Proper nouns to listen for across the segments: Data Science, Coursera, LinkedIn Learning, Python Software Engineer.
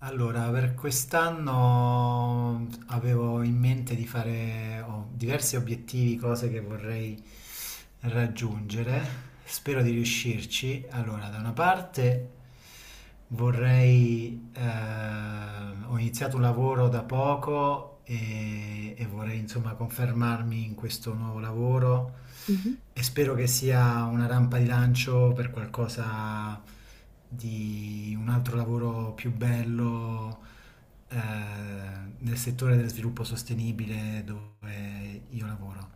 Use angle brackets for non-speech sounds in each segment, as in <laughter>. Allora, per quest'anno avevo in mente di fare ho diversi obiettivi, cose che vorrei raggiungere. Spero di riuscirci. Allora, da una parte vorrei ho iniziato un lavoro da poco e vorrei insomma confermarmi in questo nuovo lavoro Mhm, e spero che sia una rampa di lancio per qualcosa di un altro lavoro più bello, eh, nel settore dello sviluppo sostenibile dove io lavoro.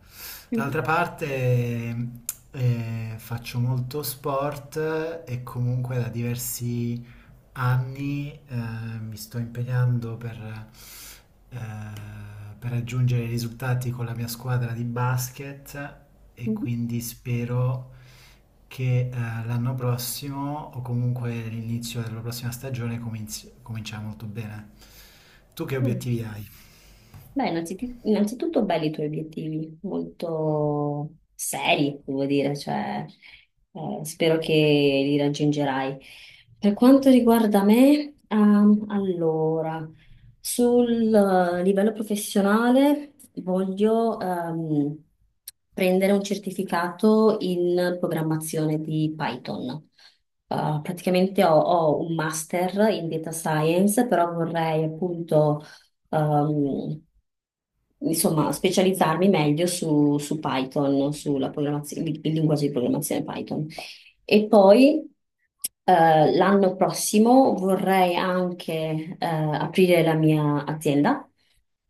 mhm, D'altra parte faccio molto sport e comunque da diversi anni mi sto impegnando eh, per raggiungere i risultati con la mia squadra di basket e mhm. quindi spero che l'anno prossimo o comunque l'inizio della prossima stagione comincia molto bene. Tu che Mm. obiettivi hai? Beh, innanzitutto belli i tuoi obiettivi, molto seri, devo dire, cioè, spero che li raggiungerai. Per quanto riguarda me, allora, sul livello professionale voglio prendere un certificato in programmazione di Python. Praticamente ho un master in data science, però vorrei appunto ehm, insomma, specializzarmi meglio su Python, sulla programmazione, il linguaggio di programmazione Python. E poi l'anno prossimo vorrei anche aprire la mia azienda.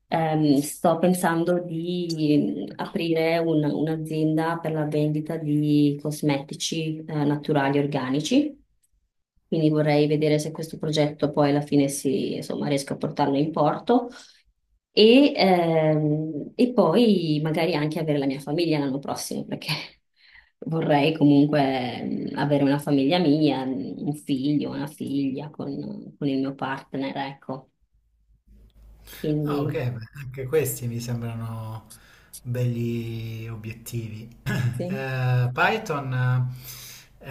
Sto pensando di aprire un'azienda per la vendita di cosmetici naturali organici. Quindi vorrei vedere se questo progetto poi alla fine si, insomma, riesco a portarlo in porto. E poi magari anche avere la mia famiglia l'anno prossimo, perché <laughs> vorrei comunque avere una famiglia mia, un figlio, una figlia con il mio partner, ecco. Ah, ok, Quindi, beh, anche questi mi sembrano belli obiettivi. <clears throat> sì. Python eh,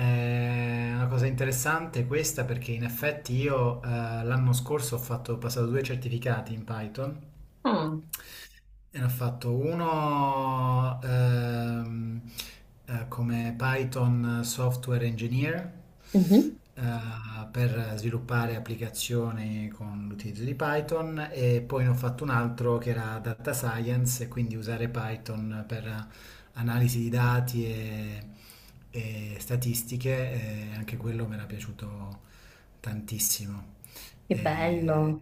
è una cosa interessante questa perché in effetti io l'anno scorso ho passato due certificati in Python Ah, e ne ho fatto uno come Python Software Engineer, mhm. eh, per sviluppare applicazioni con l'utilizzo di Python e poi ne ho fatto un altro che era Data Science e quindi usare Python per analisi di dati e statistiche e anche quello mi era piaciuto tantissimo. Che E- bello.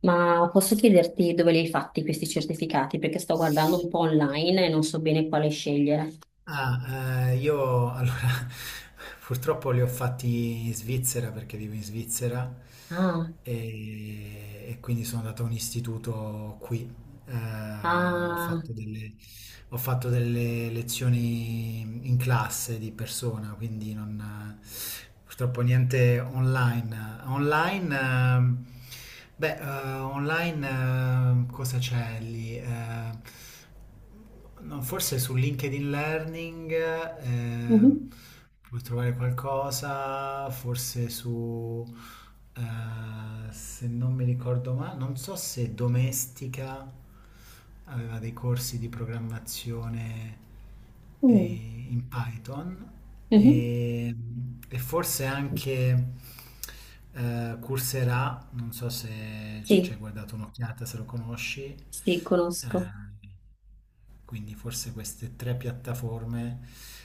Ma posso chiederti dove li hai fatti questi certificati? Perché sto guardando un po' online e non so bene quale scegliere. Io allora <laughs> purtroppo li ho fatti in Svizzera perché vivo in Svizzera Ah, e quindi sono andato a un istituto qui. Eh, ho ah, fatto delle, Ho fatto delle lezioni in classe di persona, quindi non, purtroppo niente online. Online, online cosa c'è lì? No, forse su LinkedIn Learning ehm, mhm, puoi trovare qualcosa, se non mi ricordo male, non so se domestica aveva dei corsi di programmazione, eh, mm, in Python mhm. e, e forse anche Coursera, non so se ci Sì, hai guardato un'occhiata, se lo conosci. sì, conosco. eh, quindi forse queste tre piattaforme,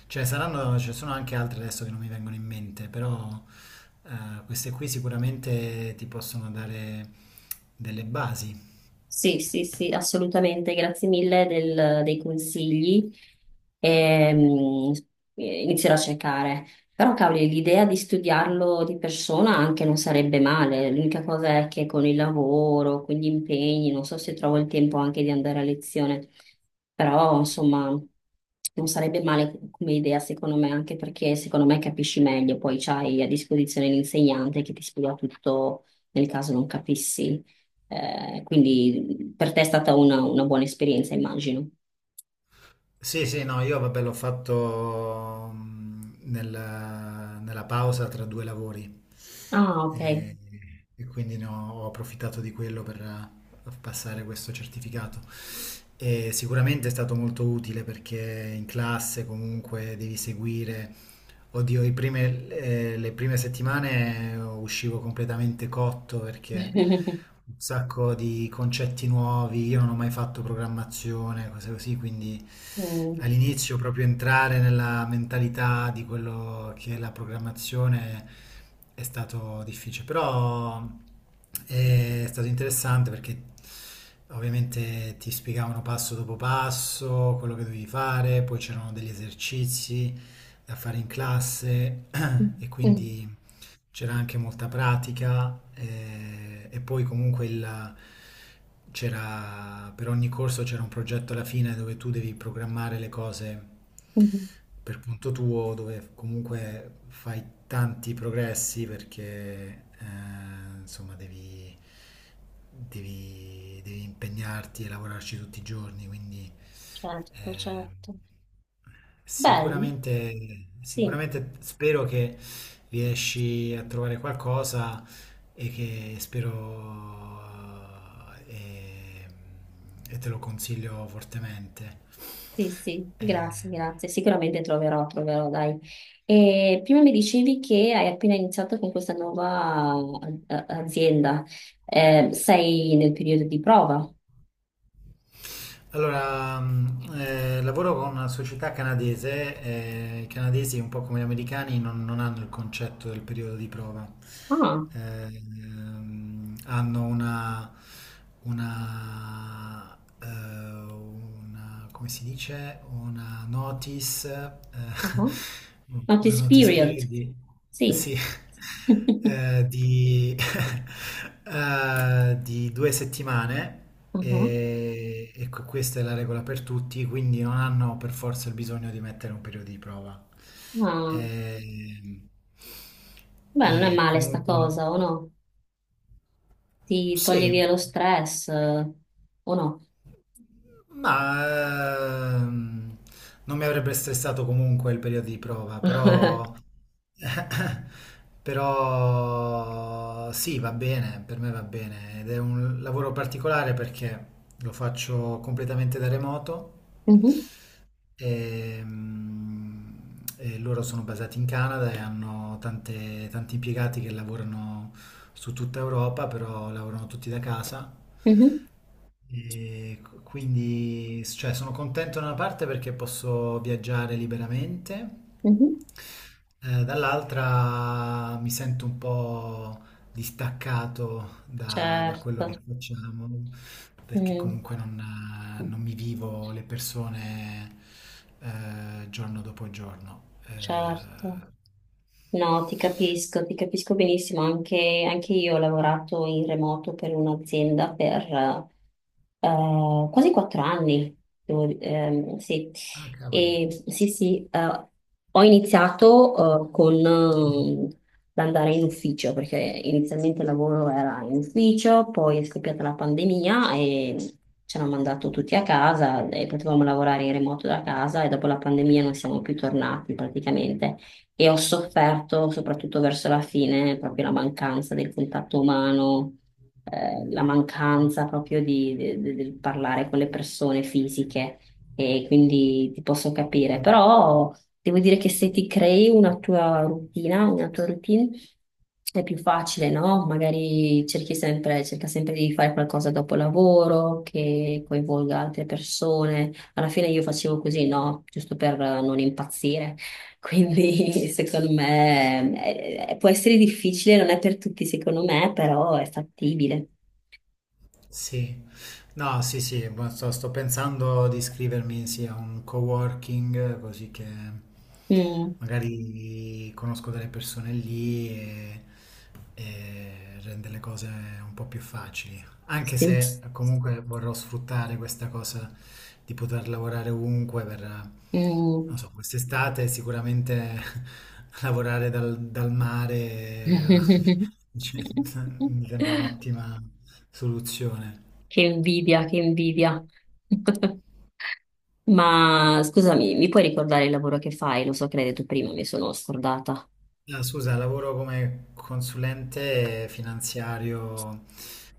cioè saranno, ce ne sono anche altre adesso che non mi vengono in mente, però queste qui sicuramente ti possono dare delle basi. Sì, sì, sì, assolutamente, grazie dei consigli. Ehm, Inizierò a cercare. Però, cavoli, l'idea di studiarlo di persona anche non sarebbe male. L'unica cosa è che con il lavoro, con gli impegni, non so se trovo il tempo anche di andare a lezione. Però, insomma, non sarebbe male come idea, secondo me, anche perché secondo me capisci meglio. Poi c'hai a disposizione l'insegnante che ti spiega tutto nel caso non capissi. Quindi per te è stata una buona esperienza, immagino. Sì, sì, no, io vabbè l'ho fatto nella pausa tra due lavori Ah, ok. e, e quindi ho approfittato di quello per passare questo certificato. E sicuramente è stato molto utile perché in classe comunque devi seguire. Oddio, le prime settimane uscivo completamente cotto perché <laughs> un sacco di concetti nuovi, io non ho mai fatto programmazione, cose così, quindi Mm. all'inizio proprio entrare nella mentalità di quello che è la programmazione è stato difficile, però è stato interessante perché ovviamente ti spiegavano passo dopo passo quello che dovevi fare, poi c'erano degli esercizi da fare in classe <clears throat> e quindi c'era anche molta pratica, c'era, per ogni corso c'era un progetto alla fine dove tu devi programmare le cose Mm. per conto tuo, dove comunque fai tanti progressi perché insomma devi impegnarti e lavorarci tutti i giorni, quindi Certo, eh, certo. Bene, sì, sicuramente spero che riesci a trovare qualcosa e che spero eh, e, e te lo consiglio fortemente. sì, sì, Eh, grazie, grazie. Sicuramente troverò, troverò, dai. E prima mi dicevi che hai appena iniziato con questa nuova azienda. Sei nel periodo di prova? allora, lavoro con una società canadese. Eh, i canadesi un po' come gli americani non hanno il concetto del periodo di prova. Ah, Hanno una, come si dice, una notice, uh-huh. <laughs> Una Notice notice period. period Sì. sì, <laughs> eh, di, <laughs> di due settimane Mhm. E questa è la regola per tutti, quindi non hanno per forza il bisogno di mettere un periodo di prova. Ah. Ehm, Beh, non è E, male sta comunque, cosa, o no? Ti toglie via sì. lo stress, o no? Ma ehm, Non mi avrebbe stressato comunque il periodo di prova, <laughs> però, <laughs> però sì, va bene, per me va bene ed è un lavoro particolare perché lo faccio completamente da remoto Mhm, e, mm, e loro sono basati in Canada e hanno tanti impiegati che lavorano su tutta Europa, però lavorano tutti da casa mhm, e cioè, sono contento da una parte perché posso viaggiare liberamente, mhm. Dall'altra mi sento un po' distaccato da quello che Certo, facciamo, perché mm, comunque non mi vivo le persone, giorno dopo giorno. Certo. No, ti capisco benissimo. Anche, anche io ho lavorato in remoto per un'azienda per quasi 4 anni. Devo di- sì. Ah, cavoli. Sì, sì, ho iniziato con l'andare in ufficio, perché inizialmente il lavoro era in ufficio, poi è scoppiata la pandemia e ci hanno mandato tutti a casa e potevamo lavorare in remoto da casa e dopo la pandemia non siamo più tornati praticamente e ho sofferto soprattutto verso la fine proprio la mancanza del contatto umano, la mancanza proprio del parlare con le persone fisiche e quindi ti posso capire, però devo dire che se ti crei una tua routine è più facile, no? Magari cerchi sempre, cerca sempre di fare qualcosa dopo lavoro che coinvolga altre persone. Alla fine io facevo così, no? Giusto per non impazzire. Quindi <laughs> secondo me può essere difficile, non è per tutti secondo me, però è fattibile. Sì, no, sì, sì, ma sto pensando di iscrivermi sì, a un coworking così che Mm, magari conosco delle persone lì e rende le cose un po' più facili. Anche sì. se comunque vorrò sfruttare questa cosa di poter lavorare ovunque per, Mm. non so, quest'estate sicuramente <laughs> lavorare dal mare, <laughs> <laughs> cioè, mi sembra un'ottima soluzione. Che invidia, che invidia. <laughs> Ma scusami, mi puoi ricordare il lavoro che fai? Lo so che l'hai detto prima, mi sono scordata. Ah, scusa, lavoro come consulente finanziario.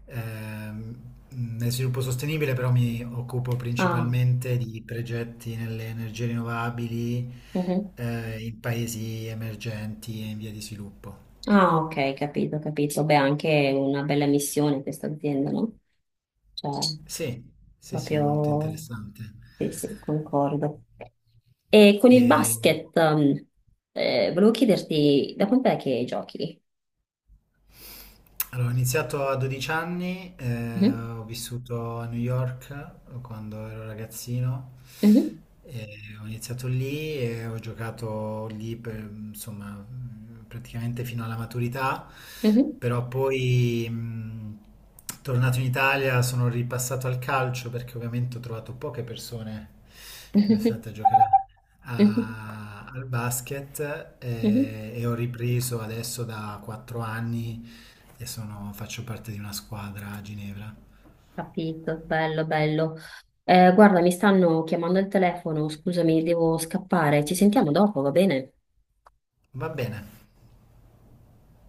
Nel sviluppo sostenibile però mi occupo Ah, principalmente di progetti nelle energie rinnovabili, mhm. In paesi emergenti e in via di sviluppo. Ah, ok, capito, capito. Beh, anche una bella missione questa azienda, no? Cioè, Sì, sì, sì, molto proprio... interessante. Sì, sì, concordo. E con il E- basket, volevo chiederti, da quant'è che giochi? Allora, ho iniziato a 12 anni, Mhm, ho vissuto a New York, quando ero ragazzino, mhm, e ho iniziato lì e ho giocato lì per, insomma, praticamente fino alla maturità, mhm, però poi tornato in Italia sono ripassato al calcio perché ovviamente ho trovato poche persone mhm, interessate a giocare mhm, al basket mhm. E ho ripreso adesso da 4 anni e faccio parte di una squadra a Ginevra. Capito, bello, bello. Guarda, mi stanno chiamando al telefono, scusami, devo scappare. Ci sentiamo dopo, va bene? Va bene,